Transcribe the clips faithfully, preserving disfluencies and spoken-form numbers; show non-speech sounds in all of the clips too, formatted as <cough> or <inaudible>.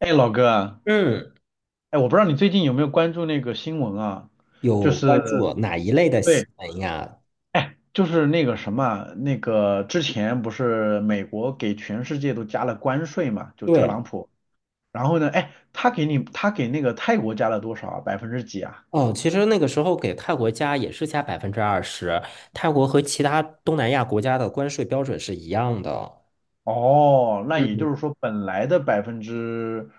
哎，老哥啊，嗯，哎，我不知道你最近有没有关注那个新闻啊？就有是，关注哪一类的新对，闻呀？哎，就是那个什么，那个之前不是美国给全世界都加了关税嘛，就特对，朗普。然后呢，哎，他给你，他给那个泰国加了多少啊百分之几啊？哦，其实那个时候给泰国加也是加百分之二十，泰国和其他东南亚国家的关税标准是一样的。哦，那也嗯。就是说本来的百分之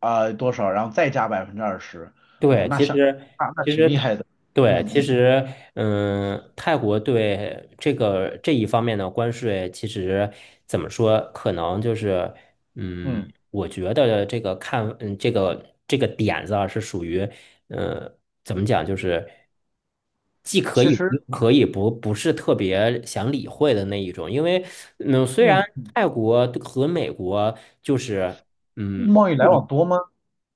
啊多少，然后再加百分之二十，哇，对，那其像，实那那其挺实厉它害的。对，嗯其嗯实嗯，泰国对这个这一方面的关税，其实怎么说，可能就是嗯，嗯，我觉得这个看嗯这个这个点子啊，是属于嗯，怎么讲，就是既可其以实，不可以不不是特别想理会的那一种，因为嗯，虽然嗯，泰国和美国就是。嗯，贸易来往多吗？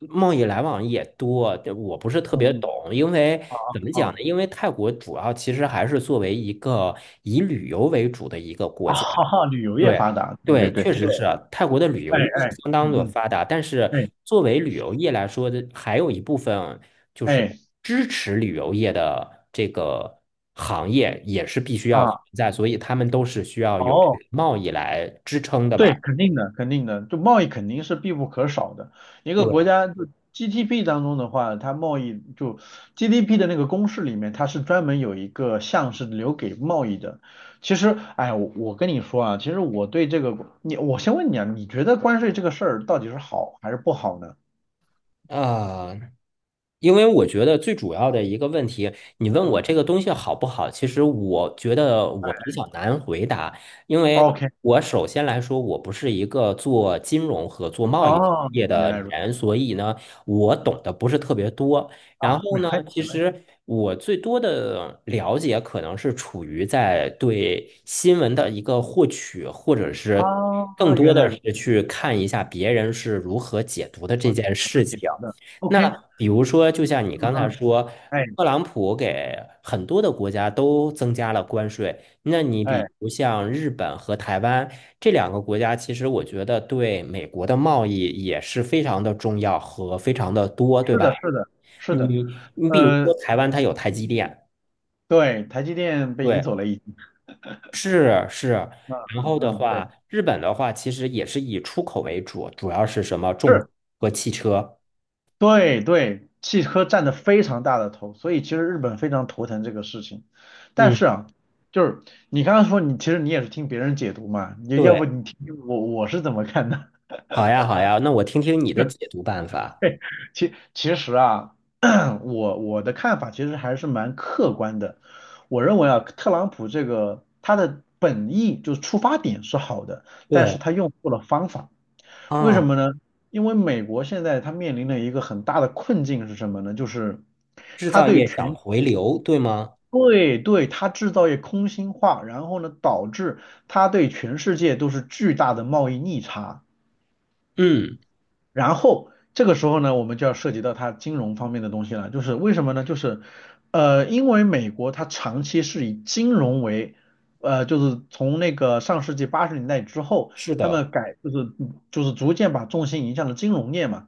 贸易来往也多，这我不是特嗯别嗯。懂，因为怎么讲呢？啊。因为泰国主要其实还是作为一个以旅游为主的一个 <laughs> 国啊，家，哈哈，旅游业对发达，对对，对确对，实是泰国的旅哎游业是哎，相当的嗯发达，但是嗯，作为旅游业来说的，还有一部分就哎是哎支持旅游业的这个行业也是必须要存啊，在，所以他们都是需要有这个哦，贸易来支撑的对，嘛。肯定的，肯定的，就贸易肯定是必不可少的。一个对，国家就 G D P 当中的话，它贸易就 G D P 的那个公式里面，它是专门有一个项是留给贸易的。其实，哎，我我跟你说啊，其实我对这个，你我先问你啊，你觉得关税这个事儿到底是好还是不好呢？啊、因为我觉得最主要的一个问题，你问我嗯这个东西好不好，其实我觉得我比较难回答，因为，OK，我首先来说，我不是一个做金融和做贸易行哦，业原的来如此人，所以呢，我嗯懂得不是特别多。啊，然后没呢，关系，其没关系实我最多的了解可能是处于在对新闻的一个获取，或者是更啊，多原来的如此是去看一下别人是如何解读的这啊，件怎事么解情。决的？OK，那比如说，就像你嗯刚才嗯，说，哎特朗普给很多的国家都增加了关税。那你哎，比如像日本和台湾这两个国家，其实我觉得对美国的贸易也是非常的重要和非常的多，对是吧？的，是的，是的，你你比如呃，说台湾，它有台积电，对，台积电被移对，走了已经，是是。嗯然嗯后的嗯，对，话，日本的话其实也是以出口为主，主要是什么重是，和汽车。对对，汽车占的非常大的头，所以其实日本非常头疼这个事情。但嗯，是啊，就是你刚刚说你其实你也是听别人解读嘛，你要不对。你听听我我是怎么看的？好呀，好呀，那我听听你的解读办 <laughs> 法。嘿其其实啊，<clears throat> 我我的看法其实还是蛮客观的。我认为啊，特朗普这个他的本意就是出发点是好的，但是对他用错了方法。为什啊，么呢？因为美国现在他面临的一个很大的困境是什么呢？就是制他造对业想全回流，对吗？对对，他制造业空心化，然后呢，导致他对全世界都是巨大的贸易逆差。嗯，然后这个时候呢，我们就要涉及到它金融方面的东西了，就是为什么呢？就是，呃，因为美国它长期是以金融为，呃，就是从那个上世纪八十年代之后，是他的，们改就是就是逐渐把重心移向了金融业嘛，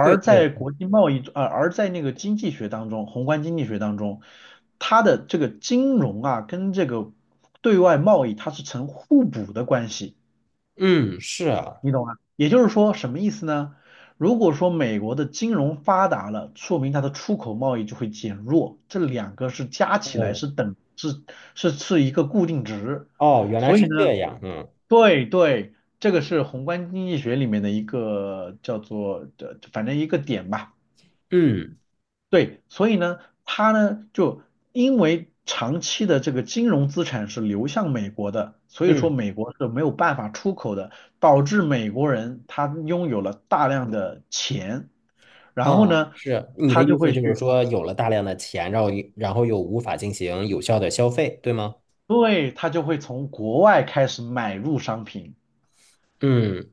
对对，在国际贸易，呃，而在那个经济学当中，宏观经济学当中，它的这个金融啊跟这个对外贸易它是成互补的关系。嗯，是啊，你懂吗？也就是说，什么意思呢？如果说美国的金融发达了，说明它的出口贸易就会减弱，这两个是加起来哦是等是是是一个固定值，哦，原来所以是呢，这样，嗯对对，这个是宏观经济学里面的一个叫做的，反正一个点吧。嗯对，所以呢，他呢就因为长期的这个金融资产是流向美国的，所以说嗯，美国是没有办法出口的，导致美国人他拥有了大量的钱，然后啊，呢，是你的他意就思会就是去，说，有了大量的钱，然后然后又无法进行有效的消费，对吗？对，他就会从国外开始买入商品。嗯，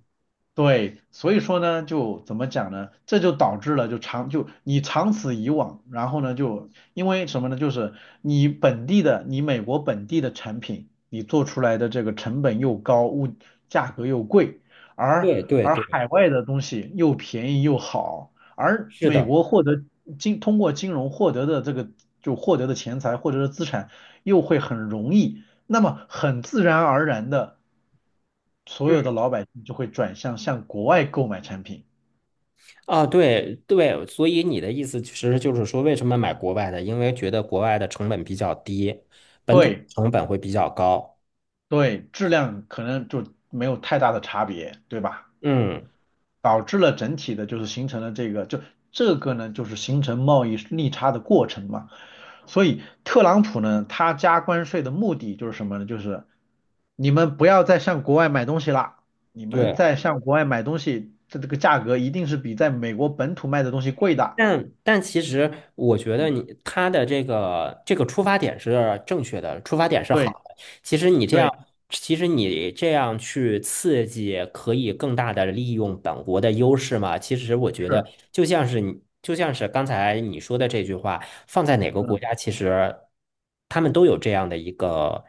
对，所以说呢，就怎么讲呢？这就导致了，就长就你长此以往，然后呢，就因为什么呢？就是你本地的，你美国本地的产品，你做出来的这个成本又高，物价格又贵，而对对而对，海外的东西又便宜又好，而是美的，国获得金通过金融获得的这个就获得的钱财获得的资产又会很容易，那么很自然而然的。所有嗯。的老百姓就会转向向国外购买产品。啊，对对，所以你的意思其实就是说，为什么买国外的？因为觉得国外的成本比较低，本土对成本会比较高。对，质量可能就没有太大的差别，对吧？嗯，导致了整体的就是形成了这个，就这个呢，就是形成贸易逆差的过程嘛。所以特朗普呢，他加关税的目的就是什么呢？就是你们不要再向国外买东西啦，你们对。在向国外买东西，这这个价格一定是比在美国本土卖的东西贵的。但但其实，我觉得嗯，你他的这个这个出发点是正确的，出发点是对好的。其实你这样，对其实你这样去刺激，可以更大的利用本国的优势嘛？其实我觉得，是，就像是你，就像是刚才你说的这句话，放在哪个国嗯。家，其实他们都有这样的一个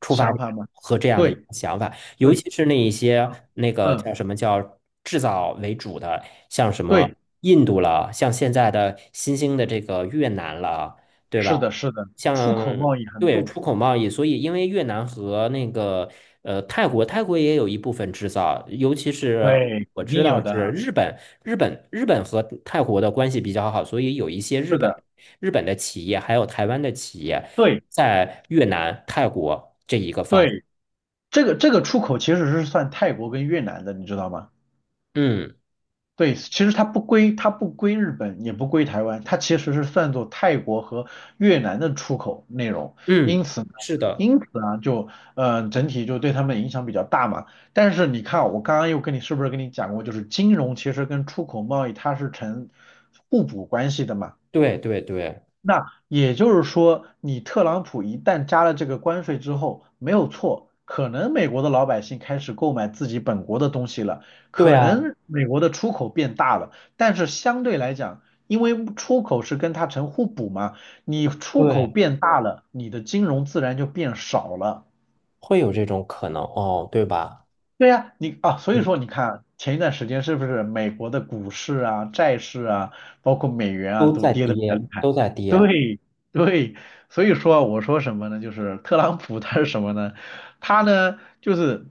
出发想点法吗？和这样的一个对想法。尤对，其是那一些那个叫嗯，什么叫制造为主的，像什对，么印度了，像现在的新兴的这个越南了，对吧？是的，是的，出口像贸易很对重，出口贸易，所以因为越南和那个呃泰国，泰国也有一部分制造，尤其是对，我肯知定有道是的，日本，日本日本和泰国的关系比较好，所以有一些日是本的，日本的企业还有台湾的企业对在越南、泰国这一个方，对，这个这个出口其实是算泰国跟越南的，你知道吗？嗯。对，其实它不归，它不归日本，也不归台湾，它其实是算作泰国和越南的出口内容。因嗯，此呢，是的，因此啊，就嗯，整体就对他们影响比较大嘛。但是你看啊，我刚刚又跟你是不是跟你讲过，就是金融其实跟出口贸易它是成互补关系的嘛。对对对那也就是说，你特朗普一旦加了这个关税之后，没有错，可能美国的老百姓开始购买自己本国的东西了，对可啊，能美国的出口变大了，但是相对来讲，因为出口是跟它成互补嘛，你出口对，变大了，你的金融自然就变少了。会有这种可能哦，对吧？对呀，你啊，所以嗯，说你看前一段时间是不是美国的股市啊、债市啊，包括美元啊，都都在跌得比较跌，厉害。都在跌。对对，所以说我说什么呢？就是特朗普 <laughs> 他是什么呢？他呢就是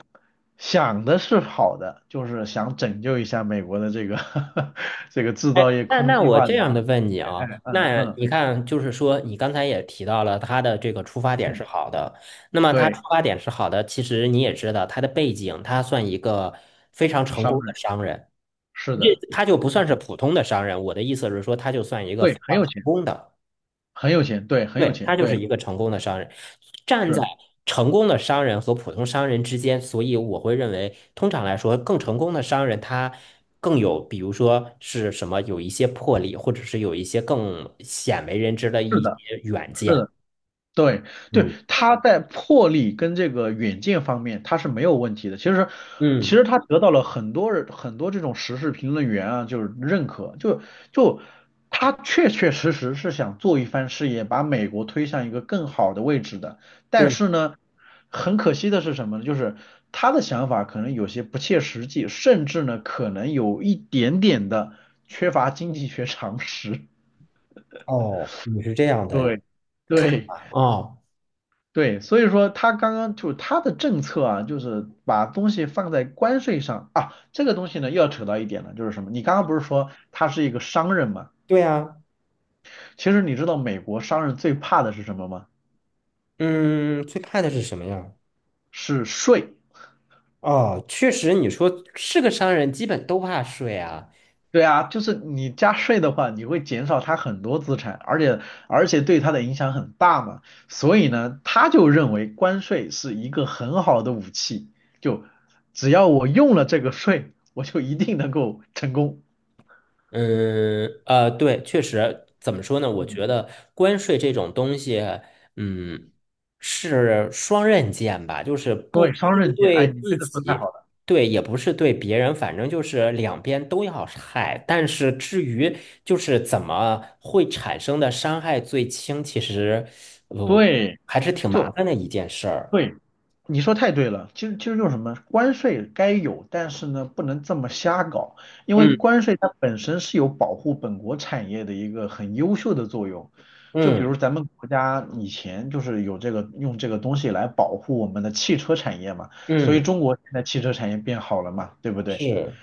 想的是好的，就是想拯救一下美国的这个 <laughs> 这个制哎，造业那空那心我化这的，样的问你啊，嗯那嗯你看，就是说你刚才也提到了他的这个出发点嗯，是好的，那么他出对，发点是好的，其实你也知道他的背景，他算一个非常成商功的人商人，是这的，他就不嗯算是普通的商人，我的意思是说，他就算一个对，非很常有成钱，功的。很有钱，对，很有对，钱，他就是对，一个成功的商人，站在是成功的商人和普通商人之间，所以我会认为，通常来说，更成功的商人他更有，比如说是什么，有一些魄力，或者是有一些更鲜为人知的是一的，些远是见。的。对对，嗯他在魄力跟这个远见方面他是没有问题的。其实，其嗯，实他得到了很多人很多这种时事评论员啊，就是认可，就就他确确实实是想做一番事业，把美国推向一个更好的位置的。但对，是呢，很可惜的是什么呢？就是他的想法可能有些不切实际，甚至呢可能有一点点的缺乏经济学常识。哦，你是这样 <laughs> 的对对。哦，对，所以说他刚刚就是他的政策啊，就是把东西放在关税上啊。这个东西呢，又要扯到一点了，就是什么？你刚刚不是说他是一个商人嘛？对呀，其实你知道美国商人最怕的是什么吗？嗯，最怕的是什么呀？是税。哦，确实，你说是个商人，基本都怕税啊。对啊，就是你加税的话，你会减少他很多资产，而且而且对他的影响很大嘛。所以呢，他就认为关税是一个很好的武器，就只要我用了这个税，我就一定能够成功。嗯，呃，对，确实，怎么说呢？我觉嗯得关税这种东西，嗯，是双刃剑吧，就是不对，双是刃剑，哎，对你自这个说得太好己，了，对，也不是对别人，反正就是两边都要害。但是至于就是怎么会产生的伤害最轻，其实，不对，还是挺麻就烦的一件事儿。对，你说太对了，其实其实就是什么，关税该有，但是呢，不能这么瞎搞，因为嗯关税它本身是有保护本国产业的一个很优秀的作用，就比如嗯咱们国家以前就是有这个用这个东西来保护我们的汽车产业嘛，所以嗯，中国现在汽车产业变好了嘛，对不对？是，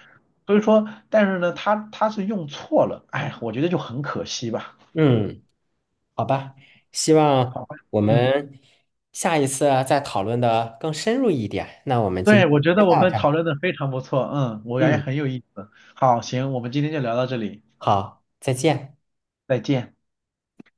所以说，但是呢，它它是用错了，哎，我觉得就很可惜吧，嗯。好吧，希望好吧，我嗯。们下一次啊再讨论的更深入一点。那我们今对，天我觉得先我到们这讨儿。论的非常不错，嗯，我感觉嗯，很有意思。好，行，我们今天就聊到这里，好，再见。再见。